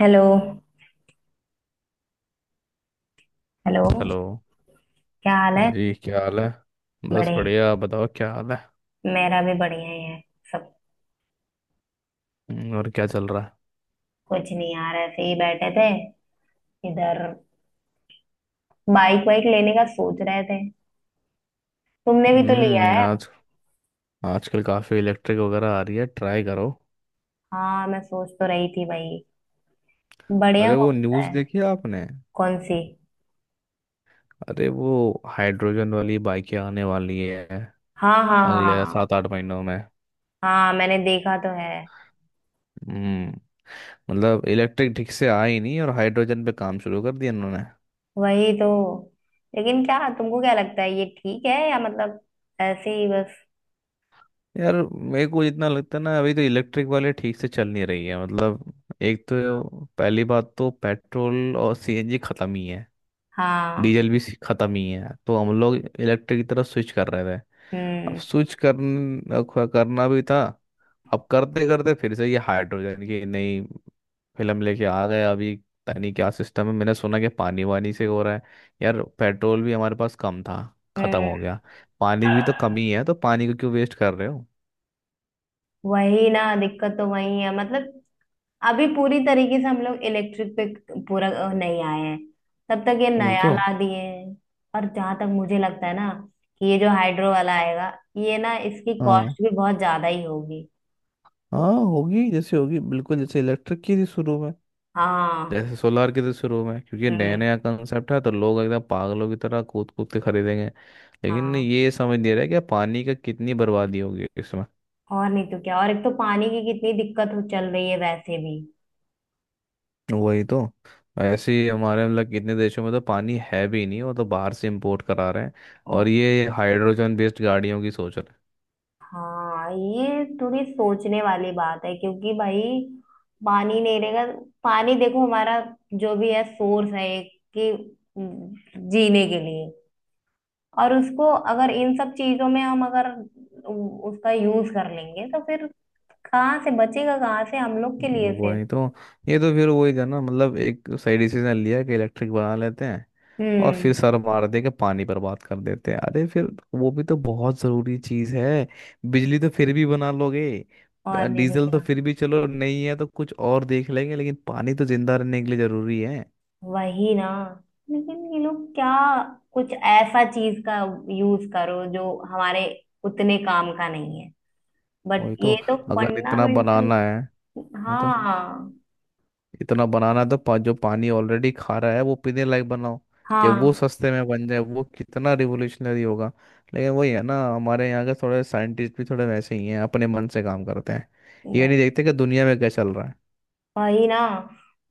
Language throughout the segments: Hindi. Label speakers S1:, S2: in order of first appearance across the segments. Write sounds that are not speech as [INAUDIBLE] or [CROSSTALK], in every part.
S1: हेलो। हेलो।
S2: हेलो।
S1: क्या हाल
S2: हाँ
S1: है?
S2: जी, क्या हाल है? बस
S1: बड़े
S2: बढ़िया, आप बताओ क्या हाल है?
S1: मेरा भी बढ़िया ही है। सब
S2: और क्या चल रहा है?
S1: कुछ नहीं यार, ऐसे ही बैठे थे इधर। बाइक वाइक लेने का सोच रहे थे। तुमने भी तो लिया है।
S2: आज आजकल काफ़ी इलेक्ट्रिक वगैरह आ रही है, ट्राई करो।
S1: हाँ मैं सोच तो रही थी भाई, बढ़िया
S2: अरे वो
S1: होता है।
S2: न्यूज़ देखी आपने?
S1: कौन सी?
S2: अरे वो हाइड्रोजन वाली बाइकें आने वाली है
S1: हाँ हाँ
S2: अगले
S1: हाँ।
S2: 7 8 महीनों में।
S1: हाँ मैंने देखा तो है।
S2: हम्म मतलब, इलेक्ट्रिक ठीक से आई नहीं और हाइड्रोजन पे काम शुरू कर दिया इन्होंने।
S1: वही तो। लेकिन क्या तुमको क्या लगता है ये ठीक है, या मतलब ऐसे ही बस।
S2: यार, मेरे को जितना लगता है ना, अभी तो इलेक्ट्रिक वाले ठीक से चल नहीं रही है। मतलब, एक तो पहली बात, तो पेट्रोल और सीएनजी खत्म ही है।
S1: हाँ।
S2: डीजल भी खत्म ही है, तो हम लोग इलेक्ट्रिक की तरफ स्विच कर रहे थे। अब
S1: हम्म।
S2: स्विच कर करना भी था। अब करते करते फिर से ये हाइड्रोजन की नई फिल्म लेके आ गए अभी। पता नहीं क्या सिस्टम है, मैंने सुना कि पानी वानी से हो रहा है। यार, पेट्रोल भी हमारे पास कम था, खत्म हो
S1: हम्म।
S2: गया। पानी भी तो कम ही है, तो पानी को क्यों वेस्ट कर रहे हो?
S1: वही ना, दिक्कत तो वही है मतलब। अभी पूरी तरीके से हम लोग इलेक्ट्रिक पे पूरा नहीं आए हैं, तब तक ये
S2: वही
S1: नया
S2: तो।
S1: ला दिए हैं। और जहां तक मुझे लगता है ना, कि ये जो हाइड्रो वाला आएगा, ये ना इसकी
S2: हाँ,
S1: कॉस्ट भी बहुत ज्यादा ही होगी तो।
S2: हाँ होगी। जैसे होगी बिल्कुल, जैसे इलेक्ट्रिक की थी शुरू में।
S1: हाँ।
S2: जैसे सोलार के तो शुरू में, क्योंकि नया
S1: हम्म।
S2: नया कंसेप्ट है, तो लोग एकदम पागलों की तरह कूद कूद के खरीदेंगे। लेकिन
S1: हाँ
S2: ये समझ नहीं रहा कि पानी का कितनी बर्बादी होगी इसमें।
S1: और नहीं तो क्या, और एक तो पानी की कितनी दिक्कत हो चल रही है वैसे भी।
S2: वही तो। ऐसे ही हमारे, मतलब, कितने देशों में तो पानी है भी नहीं, वो तो बाहर से इंपोर्ट करा रहे हैं। और ये हाइड्रोजन बेस्ड गाड़ियों की सोच रहे
S1: हाँ ये थोड़ी सोचने वाली बात है क्योंकि भाई पानी नहीं रहेगा। पानी देखो हमारा जो भी है सोर्स है एक, कि जीने के लिए। और उसको अगर इन सब चीजों में हम अगर उसका यूज कर लेंगे तो फिर कहाँ से बचेगा, कहाँ से हम लोग के
S2: हैं।
S1: लिए फिर।
S2: वही तो। ये तो फिर वही था ना, मतलब, एक सही डिसीजन लिया कि इलेक्ट्रिक बना लेते हैं, और
S1: हम्म।
S2: फिर सर मार दे के पानी बर्बाद कर देते हैं। अरे फिर वो भी तो बहुत जरूरी चीज है। बिजली तो फिर भी बना लोगे।
S1: और नहीं तो
S2: डीजल तो
S1: क्या।
S2: फिर भी चलो, नहीं है तो कुछ और देख लेंगे, लेकिन पानी तो जिंदा रहने के लिए जरूरी है।
S1: वही ना। लेकिन ये लोग क्या, कुछ ऐसा चीज का यूज करो जो हमारे उतने काम का नहीं है, बट
S2: वही तो,
S1: ये तो
S2: अगर इतना
S1: फंडामेंटल।
S2: बनाना है। वही तो,
S1: हाँ।
S2: इतना बनाना है तो जो पानी ऑलरेडी खा रहा है वो पीने लायक बनाओ, कि वो
S1: हाँ।
S2: सस्ते में बन जाए। वो कितना रिवोल्यूशनरी होगा। लेकिन वही है ना, हमारे यहाँ के थोड़े साइंटिस्ट भी थोड़े वैसे ही हैं, अपने मन से काम करते हैं। ये
S1: वह-
S2: नहीं देखते कि दुनिया में क्या चल रहा है।
S1: वही ना,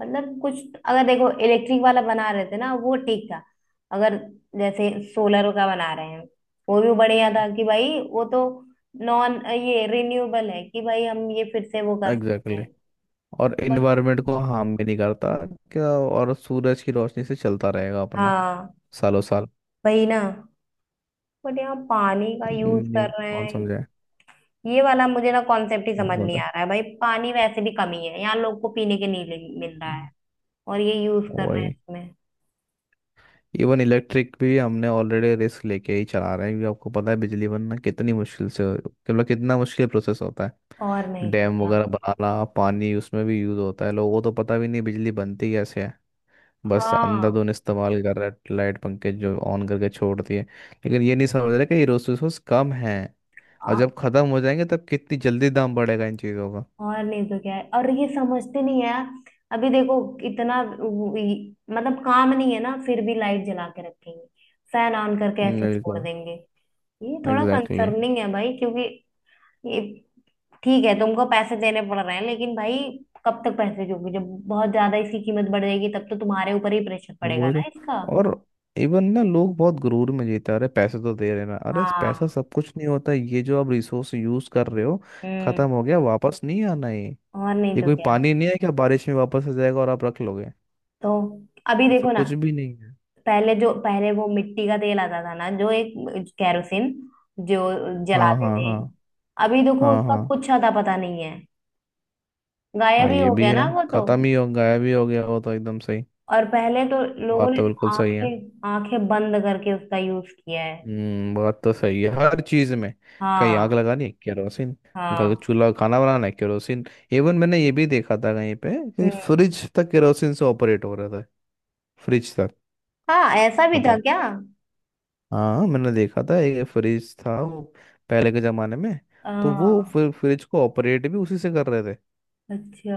S1: मतलब कुछ अगर देखो, इलेक्ट्रिक वाला बना रहे थे ना वो ठीक था। अगर जैसे सोलर का बना रहे हैं, वो भी बढ़िया था कि भाई वो तो नॉन ये रिन्यूएबल है, कि भाई हम ये फिर से वो कर
S2: एग्जैक्टली,
S1: सकते हैं,
S2: exactly। और
S1: बट।
S2: इन्वायरमेंट को हार्म भी नहीं करता क्या, और सूरज की रोशनी से चलता रहेगा अपना,
S1: हाँ।
S2: सालों साल।
S1: वही ना, बट यहाँ पानी का यूज
S2: नहीं,
S1: कर रहे
S2: कौन
S1: हैं।
S2: समझे।
S1: ये वाला मुझे ना कॉन्सेप्ट ही
S2: बहुत
S1: समझ नहीं आ
S2: गलत
S1: रहा है भाई, पानी वैसे भी कमी है यहाँ, लोग को पीने के नहीं मिल रहा
S2: है।
S1: है और ये यूज करना है
S2: वही,
S1: इसमें।
S2: इवन इलेक्ट्रिक भी हमने ऑलरेडी रिस्क लेके ही चला रहे हैं, क्योंकि आपको पता है बिजली बनना कितनी मुश्किल से, मतलब कितना मुश्किल प्रोसेस होता है।
S1: और नहीं तो
S2: डैम
S1: क्या।
S2: वगैरह बनाना, पानी उसमें भी यूज होता है। लोगों को तो पता भी नहीं बिजली बनती कैसे है, बस
S1: हाँ
S2: अंधाधुंध इस्तेमाल कर रहा है। लाइट पंखे जो ऑन करके छोड़ दिए, लेकिन ये नहीं समझ रहे कि ये रिसोर्सेस कम है, और
S1: आ-
S2: जब खत्म हो जाएंगे तब कितनी जल्दी दाम बढ़ेगा इन चीज़ों का।
S1: और नहीं तो क्या है, और ये समझते नहीं है यार। अभी देखो, इतना मतलब काम नहीं है ना, फिर भी लाइट जला के रखेंगे, फैन ऑन करके ऐसे छोड़
S2: बिल्कुल।
S1: देंगे। ये थोड़ा
S2: एग्जैक्टली, exactly।
S1: कंसर्निंग है भाई क्योंकि ये, ठीक है तुमको पैसे देने पड़ रहे हैं लेकिन भाई कब तक पैसे दोगे? जब बहुत ज्यादा इसकी कीमत बढ़ जाएगी तब तो तुम्हारे ऊपर ही प्रेशर पड़ेगा
S2: वही
S1: ना
S2: तो।
S1: इसका।
S2: और इवन ना, लोग बहुत गुरूर में जीते हैं, अरे पैसे तो दे रहे ना। अरे पैसा
S1: हाँ।
S2: सब कुछ नहीं होता, ये जो आप रिसोर्स यूज कर रहे हो,
S1: हम्म।
S2: खत्म हो गया वापस नहीं आना है।
S1: और नहीं
S2: ये
S1: तो
S2: कोई
S1: क्या।
S2: पानी नहीं है क्या, बारिश में वापस आ जाएगा और आप रख लोगे।
S1: तो अभी
S2: ऐसा
S1: देखो ना,
S2: कुछ भी नहीं है।
S1: पहले जो पहले वो मिट्टी का तेल आता था ना, जो एक कैरोसिन, जो
S2: हाँ,
S1: जलाते
S2: हाँ,
S1: थे,
S2: हाँ।
S1: अभी देखो
S2: हाँ,
S1: उसका
S2: हाँ,
S1: कुछ अता पता नहीं है।
S2: हाँ,
S1: गायब ही
S2: ये
S1: हो
S2: भी
S1: गया
S2: है।
S1: ना वो तो।
S2: खत्म ही हो गायब ही हो गया वो तो, एकदम सही।
S1: और पहले तो लोगों
S2: बात
S1: ने
S2: तो बिल्कुल सही है।
S1: आंखें आंखें बंद करके उसका यूज किया है।
S2: बात तो सही है हर चीज में। कहीं आग
S1: हाँ।
S2: लगानी है केरोसिन, कहीं
S1: हाँ।
S2: चूल्हा खाना बनाना है केरोसिन। इवन मैंने ये भी देखा था कहीं पे कि
S1: हम्म।
S2: फ्रिज तक केरोसिन से ऑपरेट हो रहा था। फ्रिज तक,
S1: हाँ ऐसा भी था
S2: बताओ।
S1: क्या?
S2: हाँ, मैंने देखा था एक फ्रिज था वो, पहले के जमाने में। तो वो
S1: हाँ।
S2: फ्रिज को ऑपरेट भी उसी से कर रहे थे।
S1: अच्छा।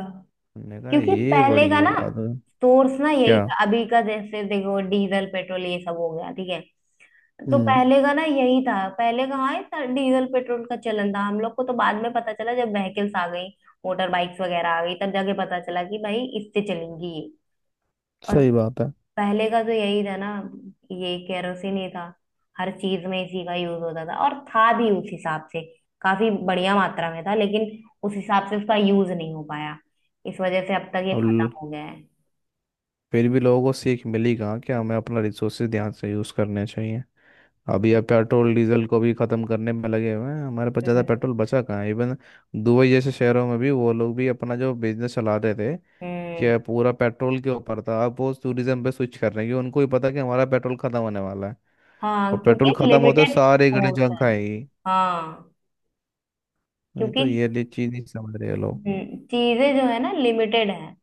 S2: मैंने कहा,
S1: क्योंकि
S2: ये
S1: पहले
S2: बड़ी
S1: का
S2: है
S1: ना
S2: बात। हम्म,
S1: सोर्स ना यही
S2: क्या।
S1: था। अभी का जैसे देखो डीजल पेट्रोल ये सब हो गया, ठीक है, तो
S2: हम्म,
S1: पहले का ना यही था। पहले कहाँ इतना डीजल पेट्रोल का चलन था, हम लोग को तो बाद में पता चला जब व्हीकल्स आ गई, मोटर बाइक्स वगैरह आ गई, तब जाके पता चला कि भाई इससे चलेंगी ये। और
S2: सही बात है।
S1: पहले का तो यही था ना, ये केरोसिन ही था। हर चीज में इसी का यूज होता था, और था भी उस हिसाब से, काफी बढ़िया मात्रा में था, लेकिन उस हिसाब से उसका यूज नहीं हो पाया। इस वजह से अब तक ये
S2: अब
S1: खत्म
S2: ल-
S1: हो गया है।
S2: फिर भी लोगों को सीख मिली कहाँ, कि हमें अपना रिसोर्सेज ध्यान से यूज करने चाहिए। अभी अब पेट्रोल डीजल को भी खत्म करने में लगे हुए हैं। हमारे पास ज़्यादा
S1: हम्म।
S2: पेट्रोल बचा कहाँ है इवन। दुबई जैसे शहरों में भी वो लोग भी अपना जो बिजनेस चला रहे थे,
S1: हम्म।
S2: कि पूरा पेट्रोल के ऊपर था, अब वो टूरिज्म पे स्विच कर रहे हैं, क्योंकि उनको ही पता है कि हमारा पेट्रोल खत्म होने वाला है।
S1: हाँ
S2: और पेट्रोल
S1: क्योंकि
S2: खत्म होते
S1: लिमिटेड
S2: सारे गले
S1: सोर्स
S2: जंग
S1: है।
S2: खाएगी।
S1: हाँ
S2: नहीं
S1: क्योंकि
S2: तो ये लिए चीज नहीं समझ रहे लोग।
S1: चीजें जो है ना लिमिटेड है,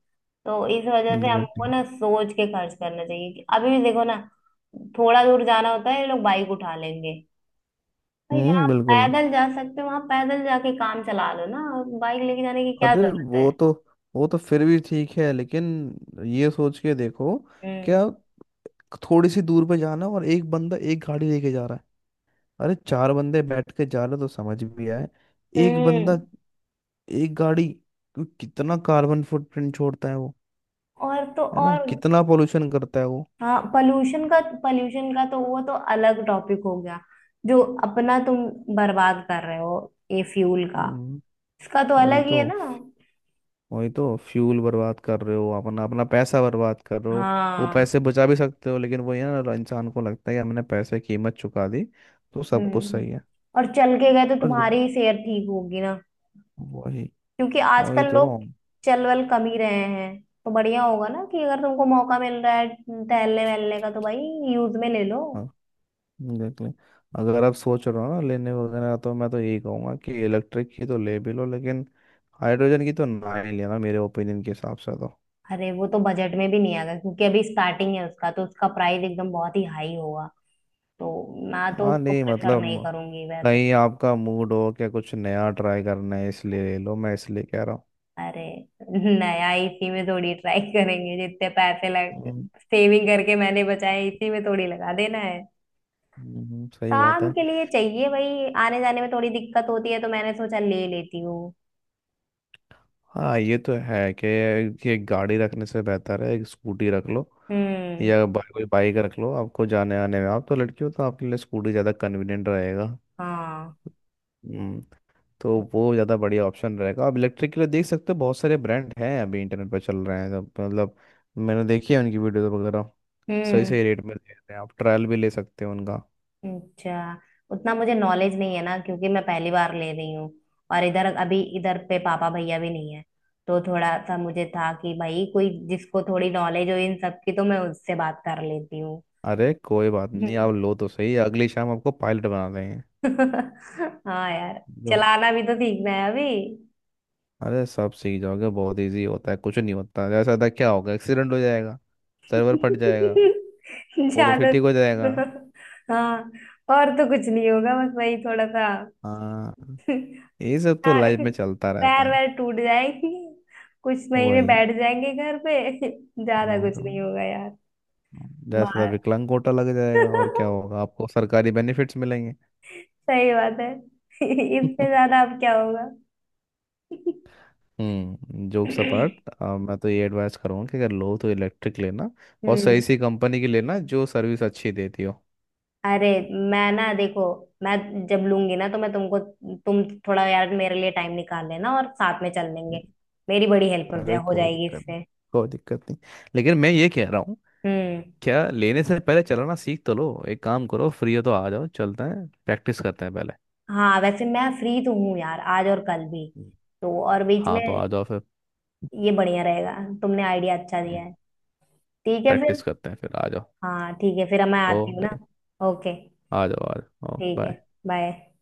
S1: तो इस वजह से हमको
S2: Exactly।
S1: ना सोच के खर्च करना चाहिए। कि अभी भी देखो ना, थोड़ा दूर जाना होता है ये लोग बाइक उठा लेंगे। भाई जहाँ
S2: हम्म,
S1: आप
S2: बिल्कुल।
S1: पैदल जा सकते हो वहां पैदल जाके काम चला लो ना, बाइक लेके जाने की क्या
S2: अरे
S1: जरूरत
S2: वो
S1: है?
S2: तो, वो तो फिर भी ठीक है लेकिन ये सोच के देखो
S1: हम्म।
S2: क्या, थोड़ी सी दूर पे जाना और एक बंदा एक गाड़ी लेके जा रहा है। अरे चार बंदे बैठ के जा रहे तो समझ भी आए। एक बंदा,
S1: हम्म।
S2: एक गाड़ी, कितना कार्बन फुटप्रिंट छोड़ता है वो,
S1: और तो
S2: है ना,
S1: और,
S2: कितना पोल्यूशन करता है वो।
S1: हाँ पॉल्यूशन का तो वो तो अलग टॉपिक हो गया। जो अपना तुम बर्बाद कर रहे हो ये फ्यूल का,
S2: हम्म,
S1: इसका तो
S2: वही
S1: अलग ही
S2: तो।
S1: है ना।
S2: वही तो, फ्यूल बर्बाद कर रहे हो अपना, अपना पैसा बर्बाद कर रहे हो। वो
S1: हाँ।
S2: पैसे बचा भी सकते हो, लेकिन वो ये ना, इंसान को लगता है कि हमने पैसे की कीमत चुका दी तो सब कुछ
S1: हम्म।
S2: सही है।
S1: और चल के गए तो
S2: और जो-
S1: तुम्हारी सेहत ठीक होगी ना,
S2: वही,
S1: क्योंकि
S2: वही
S1: आजकल
S2: तो।
S1: लोग चल वल कम ही रहे हैं, तो बढ़िया होगा ना कि अगर तुमको मौका मिल रहा है टहलने वहलने का, तो भाई यूज में ले लो।
S2: देख लें, अगर आप सोच रहे हो ना लेने वगैरह, तो मैं तो यही कहूँगा कि इलेक्ट्रिक की तो ले भी लो, लेकिन हाइड्रोजन की तो ना ही लेना, मेरे ओपिनियन के हिसाब से तो।
S1: अरे वो तो बजट में भी नहीं आएगा क्योंकि अभी स्टार्टिंग है उसका, तो उसका प्राइस एकदम बहुत ही हाई होगा, तो मैं तो
S2: हाँ,
S1: उसको
S2: नहीं
S1: प्रेफर
S2: मतलब,
S1: नहीं करूंगी वैसे।
S2: कहीं आपका मूड हो क्या, कुछ नया ट्राई करना है इसलिए ले लो, मैं इसलिए कह रहा हूँ।
S1: अरे नया इसी में थोड़ी ट्राई करेंगे, जितने पैसे लग,
S2: हम्म,
S1: सेविंग करके मैंने बचाए इसी में थोड़ी लगा देना है।
S2: सही बात
S1: काम
S2: है।
S1: के लिए चाहिए भाई, आने जाने में थोड़ी दिक्कत होती है तो मैंने सोचा ले लेती हूँ।
S2: हाँ, ये तो है कि एक गाड़ी रखने से बेहतर है एक स्कूटी रख लो,
S1: हम्म।
S2: या कोई बाइक रख लो। आपको जाने आने में, आप तो लड़की हो, तो आपके लिए स्कूटी ज़्यादा कन्वीनियंट रहेगा।
S1: हाँ।
S2: हम्म, तो वो ज़्यादा बढ़िया ऑप्शन रहेगा। आप इलेक्ट्रिक के लिए देख सकते हो, बहुत सारे ब्रांड हैं अभी इंटरनेट पर चल रहे हैं सब, मतलब, मैंने देखी है उनकी वीडियो वगैरह। सही
S1: हम्म।
S2: सही रेट में दे रहे हैं, आप ट्रायल भी ले सकते हो उनका।
S1: अच्छा, उतना मुझे नॉलेज नहीं है ना क्योंकि मैं पहली बार ले रही हूँ, और इधर अभी इधर पे पापा भैया भी नहीं है, तो थोड़ा सा मुझे था कि भाई कोई जिसको थोड़ी नॉलेज हो इन सब की, तो मैं उससे बात कर लेती हूँ।
S2: अरे कोई बात नहीं, आप
S1: [LAUGHS]
S2: लो तो सही, अगली शाम आपको पायलट बना देंगे।
S1: हाँ यार,
S2: लो,
S1: चलाना भी तो सीखना है अभी।
S2: अरे सब सीख जाओगे, बहुत इजी होता है, कुछ नहीं होता। जैसा था, क्या होगा, एक्सीडेंट हो जाएगा, सर्वर फट जाएगा,
S1: [LAUGHS]
S2: वो तो फिर
S1: ज्यादा।
S2: ठीक हो जाएगा।
S1: हाँ और तो कुछ नहीं होगा बस वही थोड़ा सा।
S2: हाँ,
S1: [LAUGHS]
S2: ये सब तो
S1: हाँ,
S2: लाइफ में चलता रहता
S1: पैर
S2: है।
S1: वैर टूट जाएंगे, कुछ महीने
S2: वही,
S1: बैठ जाएंगे घर पे। [LAUGHS] ज्यादा
S2: वही
S1: कुछ
S2: तो,
S1: नहीं होगा यार।
S2: 10,000
S1: बाहर।
S2: विकलांग कोटा लग जाएगा, और क्या
S1: [LAUGHS]
S2: होगा, आपको सरकारी बेनिफिट्स मिलेंगे।
S1: सही बात है। [LAUGHS] इससे
S2: [LAUGHS]
S1: ज्यादा अब क्या होगा?
S2: हम्म,
S1: [LAUGHS]
S2: जोक्स अपार्ट,
S1: [CLEARS THROAT]
S2: मैं तो ये एडवाइस करूँगा कि अगर लो तो इलेक्ट्रिक लेना, और सही
S1: हम्म।
S2: सी कंपनी की लेना जो सर्विस अच्छी देती हो।
S1: अरे मैं ना देखो, मैं जब लूंगी ना तो मैं तुमको, तुम थोड़ा यार मेरे लिए टाइम निकाल लेना और साथ में चल लेंगे, मेरी बड़ी हेल्प
S2: अरे
S1: हो
S2: कोई
S1: जाएगी
S2: दिक्कत नहीं,
S1: इससे।
S2: कोई दिक्कत नहीं, लेकिन मैं ये कह रहा हूँ
S1: हम्म।
S2: क्या, लेने से पहले चलाना सीख तो लो। एक काम करो, फ्री हो तो आ जाओ, चलते हैं प्रैक्टिस करते हैं पहले।
S1: हाँ वैसे मैं फ्री तो हूँ यार आज और कल भी,
S2: हम्म।
S1: तो और बीच में
S2: हाँ तो आ जाओ फिर,
S1: ये बढ़िया रहेगा। तुमने आइडिया अच्छा दिया है। ठीक है
S2: प्रैक्टिस
S1: फिर।
S2: करते हैं, फिर आ जाओ।
S1: हाँ ठीक है फिर मैं
S2: ओ
S1: आती हूँ ना।
S2: भाई,
S1: ओके।
S2: आ जाओ, आ जाओ। ओ
S1: ठीक है।
S2: bye।
S1: बाय।